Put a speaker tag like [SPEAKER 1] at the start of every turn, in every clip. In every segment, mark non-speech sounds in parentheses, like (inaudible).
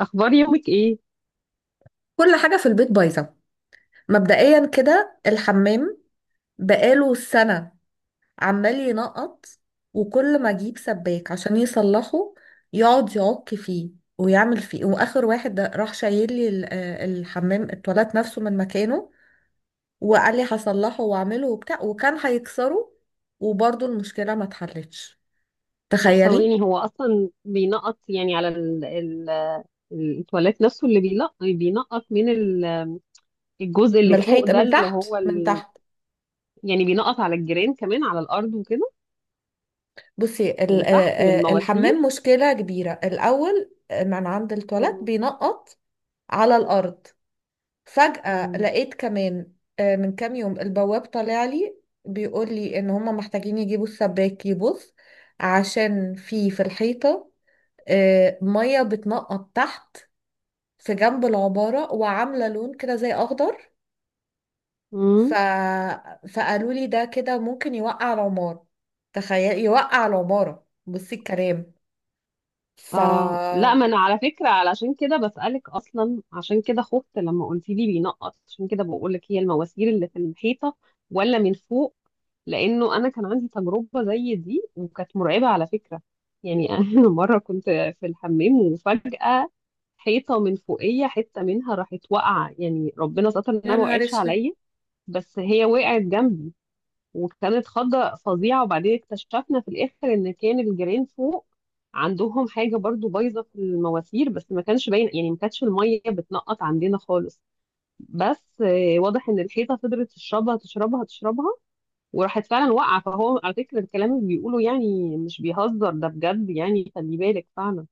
[SPEAKER 1] اخبار يومك ايه؟
[SPEAKER 2] كل حاجة في البيت بايظة. مبدئيا كده الحمام بقاله سنة، عمال ينقط. وكل ما اجيب سباك عشان يصلحه يقعد يعك فيه ويعمل فيه، واخر واحد ده راح شايل لي الحمام، التواليت نفسه من مكانه، وقال لي هصلحه واعمله وبتاع، وكان هيكسره، وبرضه المشكلة ما اتحلتش.
[SPEAKER 1] طب
[SPEAKER 2] تخيلي.
[SPEAKER 1] ثواني، هو اصلا بينقط يعني على التواليت نفسه؟ اللي بينقط من الجزء
[SPEAKER 2] من
[SPEAKER 1] اللي فوق
[SPEAKER 2] الحيط،
[SPEAKER 1] ده
[SPEAKER 2] من
[SPEAKER 1] اللي
[SPEAKER 2] تحت
[SPEAKER 1] هو
[SPEAKER 2] من تحت.
[SPEAKER 1] يعني بينقط على الجيران كمان على الارض وكده،
[SPEAKER 2] بصي
[SPEAKER 1] من تحت من
[SPEAKER 2] الحمام
[SPEAKER 1] المواسير.
[SPEAKER 2] مشكلة كبيرة. الأول من عند التواليت
[SPEAKER 1] مم.
[SPEAKER 2] بينقط على الأرض. فجأة لقيت كمان، من كام يوم، البواب طالع لي بيقول لي إن هما محتاجين يجيبوا السباك يبص، عشان في الحيطة مية بتنقط تحت، في جنب العبارة، وعاملة لون كده زي أخضر. ف...
[SPEAKER 1] مم.
[SPEAKER 2] فقالوا لي ده كده ممكن يوقع العمارة. تخيل، يوقع العمارة، بصي الكلام. ف
[SPEAKER 1] اه لا، ما انا على فكره علشان كده بسالك اصلا، عشان كده خفت لما قلت لي بينقط، عشان كده بقول لك هي المواسير اللي في الحيطه ولا من فوق؟ لانه انا كان عندي تجربه زي دي وكانت مرعبه على فكره. يعني (laughs) انا مره كنت في الحمام وفجاه حيطه من فوقيه حته منها راحت واقعه، يعني ربنا ستر
[SPEAKER 2] يا
[SPEAKER 1] انها ما
[SPEAKER 2] نهار
[SPEAKER 1] وقعتش
[SPEAKER 2] اسود.
[SPEAKER 1] عليا. بس هي وقعت جنبي وكانت خضة فظيعة، وبعدين اكتشفنا في الآخر إن كان الجيران فوق عندهم حاجة برضو بايظة في المواسير، بس ما كانش باين يعني ما كانتش المية بتنقط عندنا خالص. بس واضح إن الحيطة فضلت تشربها تشربها تشربها وراحت فعلا واقعة. فهو على فكرة الكلام اللي بيقوله يعني مش بيهزر، ده بجد، يعني خلي بالك فعلا.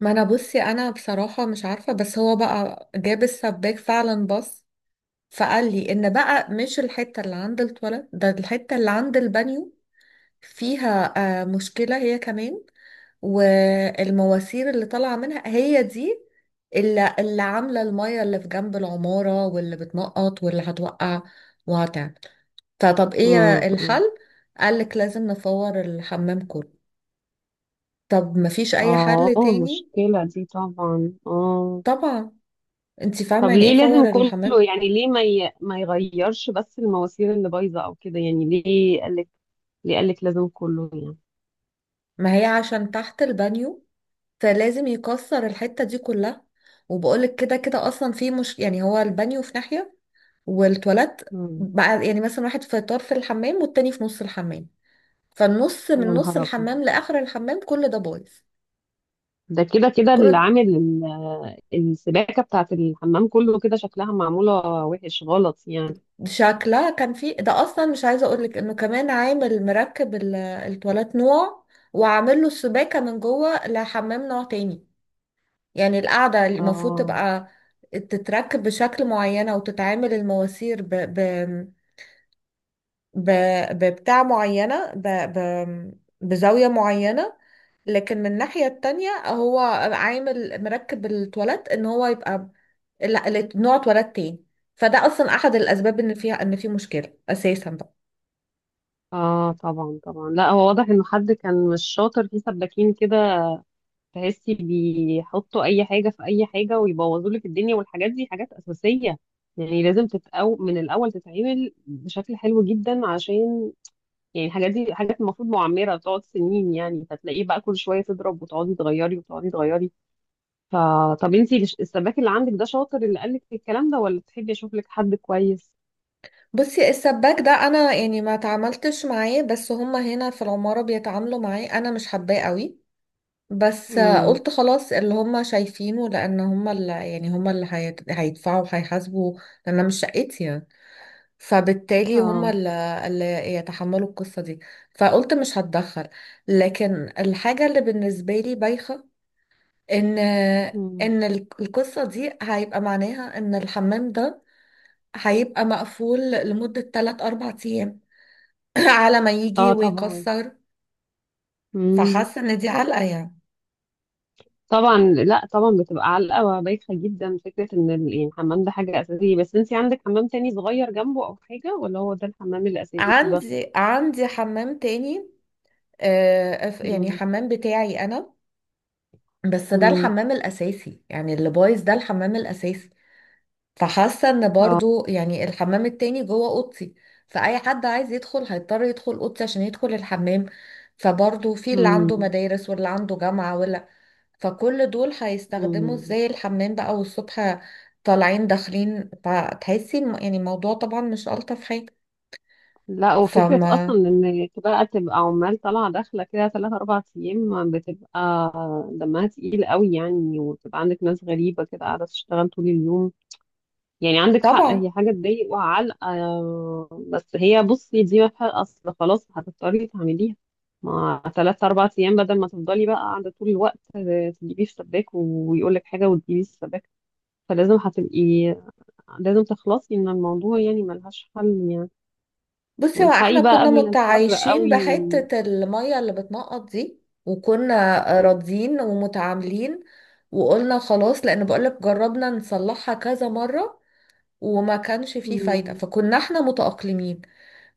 [SPEAKER 2] ما انا بصي، انا بصراحة مش عارفة، بس هو بقى جاب السباك فعلا، بص، فقال لي ان بقى مش الحتة اللي عند التواليت، ده الحتة اللي عند البانيو فيها مشكلة هي كمان، والمواسير اللي طالعة منها هي دي اللي عاملة المية اللي في جنب العمارة، واللي بتنقط، واللي هتوقع وهتعمل. فطب ايه
[SPEAKER 1] امم
[SPEAKER 2] الحل؟ قالك لازم نفور الحمام كله. طب مفيش اي
[SPEAKER 1] اه،
[SPEAKER 2] حل تاني؟
[SPEAKER 1] مشكلة دي طبعا، اه.
[SPEAKER 2] طبعا. انت فاهمة
[SPEAKER 1] طب
[SPEAKER 2] يعني ايه
[SPEAKER 1] ليه لازم
[SPEAKER 2] فور الحمام؟
[SPEAKER 1] كله؟ يعني ليه ما يغيرش بس المواسير اللي بايظه او كده؟ يعني ليه قالك؟ ليه قالك لازم كله يعني؟
[SPEAKER 2] ما هي عشان تحت البانيو، فلازم يكسر الحتة دي كلها. وبقولك كده كده اصلا، في مش يعني، هو البانيو في ناحية والتواليت
[SPEAKER 1] مم.
[SPEAKER 2] بقى يعني مثلا واحد في طرف الحمام والتاني في نص الحمام، فالنص
[SPEAKER 1] يا
[SPEAKER 2] من نص
[SPEAKER 1] نهار ابيض!
[SPEAKER 2] الحمام لاخر الحمام كل ده بايظ.
[SPEAKER 1] ده كده كده اللي
[SPEAKER 2] كل،
[SPEAKER 1] عامل السباكه بتاعت الحمام كله كده شكلها معموله وحش غلط يعني.
[SPEAKER 2] شكلها كان في، ده اصلا مش عايزه اقولك انه كمان عامل مركب التواليت نوع، وعامل له السباكه من جوه لحمام نوع تاني. يعني القاعدة المفروض
[SPEAKER 1] اه.
[SPEAKER 2] تبقى تتركب بشكل معينة، وتتعامل المواسير ب... ببتاع معينة، ب... بزاوية معينة. لكن من الناحية التانية هو عامل مركب التواليت ان هو يبقى نوع تواليت تاني، فده اصلا احد الاسباب ان فيها، ان في مشكلة اساسا بقى.
[SPEAKER 1] اه طبعا طبعا، لا هو واضح انه حد كان مش شاطر في سباكين كده، تحسي بيحطوا اي حاجه في اي حاجه ويبوظوا لك الدنيا. والحاجات دي حاجات اساسيه، يعني لازم من الاول تتعمل بشكل حلو جدا، عشان يعني الحاجات دي حاجات المفروض معمره بتقعد سنين، يعني فتلاقيه بقى كل شويه تضرب وتقعدي تغيري وتقعدي تغيري. فطب انتي السباك اللي عندك ده شاطر، اللي قالك الكلام ده؟ ولا تحبي اشوف لك حد كويس؟
[SPEAKER 2] بصي السباك ده انا يعني ما تعاملتش معاه، بس هما هنا في العمارة بيتعاملوا معاه، انا مش حباه قوي، بس
[SPEAKER 1] امم
[SPEAKER 2] قلت خلاص اللي هم شايفينه، لان هم اللي يعني هم اللي هيدفعوا وهيحاسبوا، لان أنا مش شقتي يعني، فبالتالي هم
[SPEAKER 1] اه.
[SPEAKER 2] اللي يتحملوا القصة دي، فقلت مش هتدخل. لكن الحاجة اللي بالنسبة لي بايخة، ان
[SPEAKER 1] مم.
[SPEAKER 2] ان القصة دي هيبقى معناها ان الحمام ده هيبقى مقفول لمدة 3 4 ايام (clears throat) على ما يجي
[SPEAKER 1] اه طبعا،
[SPEAKER 2] ويكسر. فحاسة ان دي علقة يعني.
[SPEAKER 1] طبعا لا طبعا بتبقى علقة وبايخة جدا فكرة ان يعني الحمام ده حاجة أساسية. بس انت عندك حمام تاني صغير جنبه أو حاجة، ولا هو ده الحمام الأساسي بس؟
[SPEAKER 2] عندي حمام تاني، يعني
[SPEAKER 1] مم.
[SPEAKER 2] حمام بتاعي انا، بس ده
[SPEAKER 1] مم.
[SPEAKER 2] الحمام الاساسي، يعني اللي بايظ ده الحمام الاساسي. فحاسه ان
[SPEAKER 1] اه.
[SPEAKER 2] برضو يعني الحمام التاني جوه اوضتي، فاي حد عايز يدخل هيضطر يدخل اوضتي عشان يدخل الحمام. فبرضو في اللي عنده
[SPEAKER 1] مم.
[SPEAKER 2] مدارس واللي عنده جامعه ولا، فكل دول هيستخدموا
[SPEAKER 1] مم.
[SPEAKER 2] ازاي الحمام بقى؟ والصبح طالعين داخلين، فتحسي يعني الموضوع طبعا مش الطف حاجه.
[SPEAKER 1] لا، وفكرة
[SPEAKER 2] فما.
[SPEAKER 1] أصلا إن بقى تبقى عمال طالعة داخلة كده 3 4 أيام، بتبقى دمها تقيل قوي يعني. وبتبقى عندك ناس غريبة كده قاعدة تشتغل طول اليوم، يعني عندك حق،
[SPEAKER 2] طبعا.
[SPEAKER 1] هي حاجة تضايق وعلقة. بس هي بصي دي ما فيها أصل، خلاص هتضطري تعمليها. ما 3 4 أيام بدل ما تفضلي بقى قاعدة طول الوقت تجيبيه في سباك ويقولك حاجة وتجيبيه في سباك، فلازم هتبقي، لازم تخلصي من الموضوع يعني ملهاش حل يعني.
[SPEAKER 2] بصي، هو احنا
[SPEAKER 1] والحقي بقى
[SPEAKER 2] كنا
[SPEAKER 1] قبل الحر
[SPEAKER 2] متعايشين
[SPEAKER 1] قوي.
[SPEAKER 2] بحتة المية اللي بتنقط دي، وكنا راضيين ومتعاملين، وقلنا خلاص، لان بقولك جربنا نصلحها كذا مرة وما كانش فيه فايدة،
[SPEAKER 1] مم.
[SPEAKER 2] فكنا احنا متأقلمين.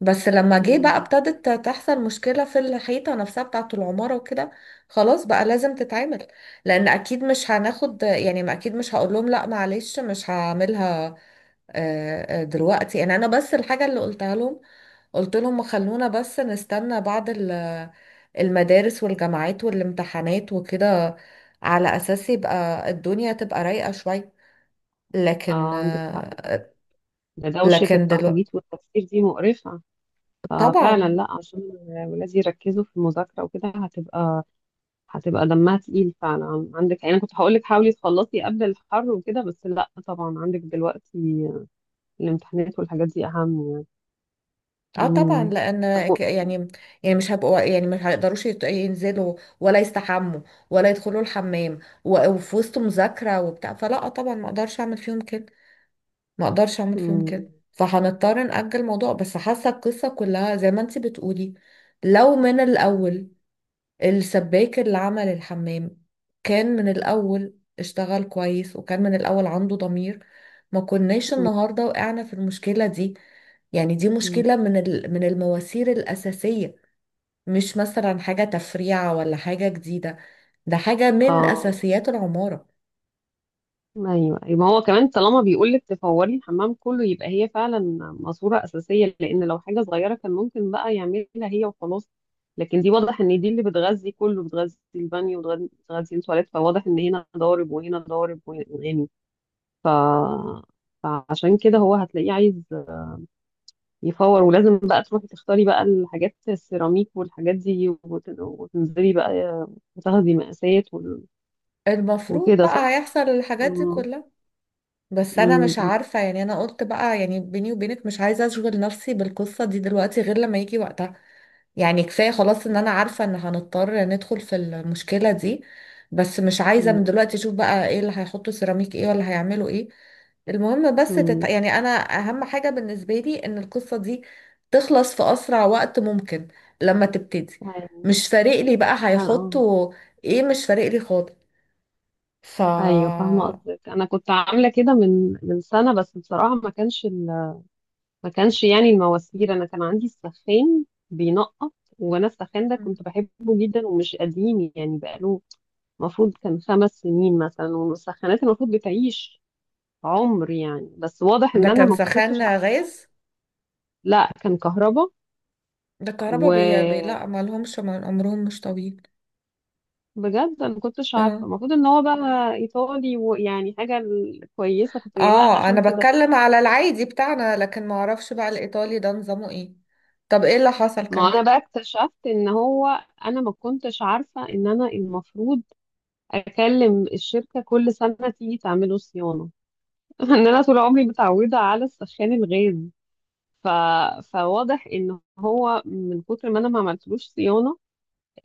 [SPEAKER 2] بس لما جه بقى
[SPEAKER 1] مم.
[SPEAKER 2] ابتدت تحصل مشكلة في الحيطة نفسها بتاعة العمارة وكده، خلاص بقى لازم تتعمل، لان اكيد مش هناخد، يعني ما اكيد مش هقول لهم لا معلش مش هعملها. دلوقتي يعني انا بس الحاجة اللي قلتها لهم، قلت لهم خلونا بس نستنى بعد المدارس والجامعات والامتحانات وكده، على اساس يبقى الدنيا تبقى رايقة شوية. لكن
[SPEAKER 1] اه عندك حق طبعا،
[SPEAKER 2] آه،
[SPEAKER 1] ده دوشة
[SPEAKER 2] لكن دلوقتي
[SPEAKER 1] التخبيط والتفكير دي مقرفة. ففعلا،
[SPEAKER 2] طبعا.
[SPEAKER 1] لا عشان ولادي يركزوا في المذاكرة وكده، هتبقى هتبقى دمها تقيل فعلا عندك. يعني انا كنت هقول لك حاولي تخلصي قبل الحر وكده، بس لا طبعا عندك دلوقتي الامتحانات والحاجات دي اهم يعني.
[SPEAKER 2] اه طبعا
[SPEAKER 1] امم
[SPEAKER 2] لان
[SPEAKER 1] مجموع-
[SPEAKER 2] يعني، يعني مش هبقوا، يعني مش هيقدروش ينزلوا، ولا يستحموا، ولا يدخلوا الحمام، و- وفي وسط مذاكرة وبتاع، فلا طبعا ما اقدرش اعمل فيهم كده، ما اقدرش اعمل فيهم
[SPEAKER 1] امم
[SPEAKER 2] كده. فهنضطر نأجل الموضوع، بس حاسه القصه كلها زي ما انت بتقولي، لو من
[SPEAKER 1] امم
[SPEAKER 2] الاول السباك اللي عمل الحمام كان من الاول اشتغل كويس، وكان من الاول عنده ضمير، ما كناش
[SPEAKER 1] امم
[SPEAKER 2] النهارده وقعنا في المشكله دي. يعني دي
[SPEAKER 1] امم.
[SPEAKER 2] مشكله من من المواسير الاساسيه، مش مثلا حاجه تفريعه ولا حاجه جديده، ده حاجه من
[SPEAKER 1] اه
[SPEAKER 2] اساسيات العماره.
[SPEAKER 1] ايوه ايوه، ما هو كمان طالما بيقول لك تفوري الحمام كله، يبقى هي فعلا ماسوره اساسيه، لان لو حاجه صغيره كان ممكن بقى يعملها هي وخلاص. لكن دي واضح ان دي اللي بتغذي كله، بتغذي البانيو وبتغذي التواليت، فواضح ان هنا ضارب وهنا ضارب وهنا يعني. ف... فعشان كده هو هتلاقيه عايز يفور، ولازم بقى تروحي تختاري بقى الحاجات، السيراميك والحاجات دي وتنزلي بقى وتاخدي مقاسات
[SPEAKER 2] المفروض
[SPEAKER 1] وكده
[SPEAKER 2] بقى
[SPEAKER 1] صح؟
[SPEAKER 2] هيحصل الحاجات دي
[SPEAKER 1] اه
[SPEAKER 2] كلها، بس انا
[SPEAKER 1] أمم،
[SPEAKER 2] مش عارفة، يعني انا قلت بقى يعني بيني وبينك مش عايزة اشغل نفسي بالقصة دي دلوقتي غير لما يجي وقتها. يعني كفاية خلاص ان انا عارفة ان هنضطر ندخل في المشكلة دي، بس مش عايزة
[SPEAKER 1] أمم،
[SPEAKER 2] من دلوقتي اشوف بقى ايه اللي هيحطوا، سيراميك ايه ولا هيعملوا ايه. المهم بس
[SPEAKER 1] أمم.
[SPEAKER 2] يعني انا اهم حاجة بالنسبة لي ان القصة دي تخلص في اسرع وقت ممكن لما تبتدي.
[SPEAKER 1] ايوه.
[SPEAKER 2] مش فارق لي بقى
[SPEAKER 1] اه آه.
[SPEAKER 2] هيحطوا ايه، مش فارق لي خالص. ف
[SPEAKER 1] ايوه فاهمه قصدك. انا كنت عامله كده من سنه، بس بصراحه ما كانش ما كانش يعني المواسير، انا كان عندي السخان بينقط. وانا السخان ده
[SPEAKER 2] مم.
[SPEAKER 1] كنت بحبه جدا ومش قديم يعني بقاله المفروض كان 5 سنين مثلا، والمسخنات المفروض بتعيش عمر يعني، بس واضح ان
[SPEAKER 2] ده
[SPEAKER 1] انا
[SPEAKER 2] كان
[SPEAKER 1] ما
[SPEAKER 2] سخان
[SPEAKER 1] كنتش عارفه.
[SPEAKER 2] غاز؟
[SPEAKER 1] لا كان كهرباء.
[SPEAKER 2] ده الكهرباء
[SPEAKER 1] وبجد
[SPEAKER 2] لا، ما لهمش عمرهم مش طويل.
[SPEAKER 1] انا ما كنتش عارفه
[SPEAKER 2] اه.
[SPEAKER 1] المفروض ان هو بقى ايطالي ويعني حاجه كويسه كنت جايبها
[SPEAKER 2] اه
[SPEAKER 1] عشان
[SPEAKER 2] انا
[SPEAKER 1] كده.
[SPEAKER 2] بتكلم على العادي بتاعنا، لكن ما اعرفش بقى الايطالي ده نظامه ايه. طب ايه اللي حصل
[SPEAKER 1] ما انا
[SPEAKER 2] كمان؟
[SPEAKER 1] بقى اكتشفت ان هو، انا ما كنتش عارفه ان انا المفروض اكلم الشركه كل سنه تيجي تعمله صيانه. (laughs) ان انا طول عمري متعوده على السخان الغاز. ف... فواضح ان هو من كتر ما انا ما عملتلوش صيانه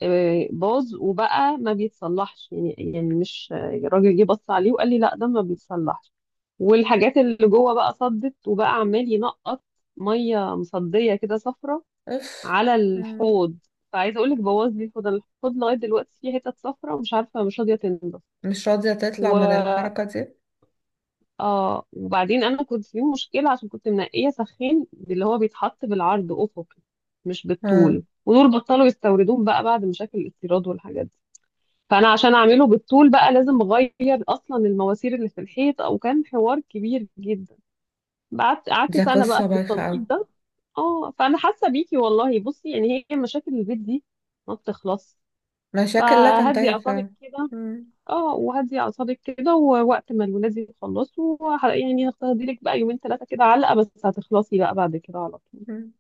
[SPEAKER 1] باظ وبقى ما بيتصلحش يعني، يعني مش الراجل جه بص عليه وقال لي لا ده ما بيتصلحش، والحاجات اللي جوه بقى صدت وبقى عمال ينقط ميه مصديه كده صفرة
[SPEAKER 2] اف.
[SPEAKER 1] على
[SPEAKER 2] مم.
[SPEAKER 1] الحوض. فعايزه اقول لك بوظ لي الحوض. أنا الحوض لغايه دلوقتي فيه حتت صفرة ومش عارفه مش راضيه تنضف.
[SPEAKER 2] مش راضية تطلع
[SPEAKER 1] و...
[SPEAKER 2] من الحركة دي.
[SPEAKER 1] اه وبعدين انا كنت في مشكله عشان كنت منقيه سخين اللي هو بيتحط بالعرض افقي مش
[SPEAKER 2] اه
[SPEAKER 1] بالطول، ودول بطلوا يستوردوه بقى بعد مشاكل الاستيراد والحاجات دي. فانا عشان اعمله بالطول بقى لازم اغير اصلا المواسير اللي في الحيط، او كان حوار كبير جدا. قعدت
[SPEAKER 2] دي
[SPEAKER 1] سنه
[SPEAKER 2] قصة
[SPEAKER 1] بقى في
[SPEAKER 2] بايخة اوي.
[SPEAKER 1] التنقيط ده. اه فانا حاسه بيكي والله. بصي يعني هي مشاكل البيت دي ما بتخلص.
[SPEAKER 2] مشاكل لا
[SPEAKER 1] فهدي
[SPEAKER 2] تنتهي
[SPEAKER 1] اعصابك
[SPEAKER 2] فعلا.
[SPEAKER 1] كده.
[SPEAKER 2] مم.
[SPEAKER 1] اه وهدي اعصابك كده، ووقت ما الولاد يخلصوا يعني هتاخدي لك بقى 2 3 كده علقه، بس هتخلصي بقى بعد كده على طول.
[SPEAKER 2] مم.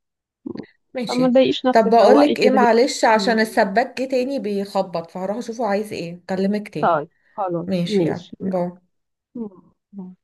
[SPEAKER 1] فما
[SPEAKER 2] ماشي.
[SPEAKER 1] تضايقيش
[SPEAKER 2] طب
[SPEAKER 1] نفسك، روقي
[SPEAKER 2] بقولك ايه،
[SPEAKER 1] كده هي.
[SPEAKER 2] معلش، عشان
[SPEAKER 1] أمم،
[SPEAKER 2] السباك جه تاني بيخبط، فهروح اشوفه عايز ايه، اكلمك تاني.
[SPEAKER 1] طيب، خلاص
[SPEAKER 2] ماشي، يعني
[SPEAKER 1] ماشي.
[SPEAKER 2] باي.
[SPEAKER 1] يلا.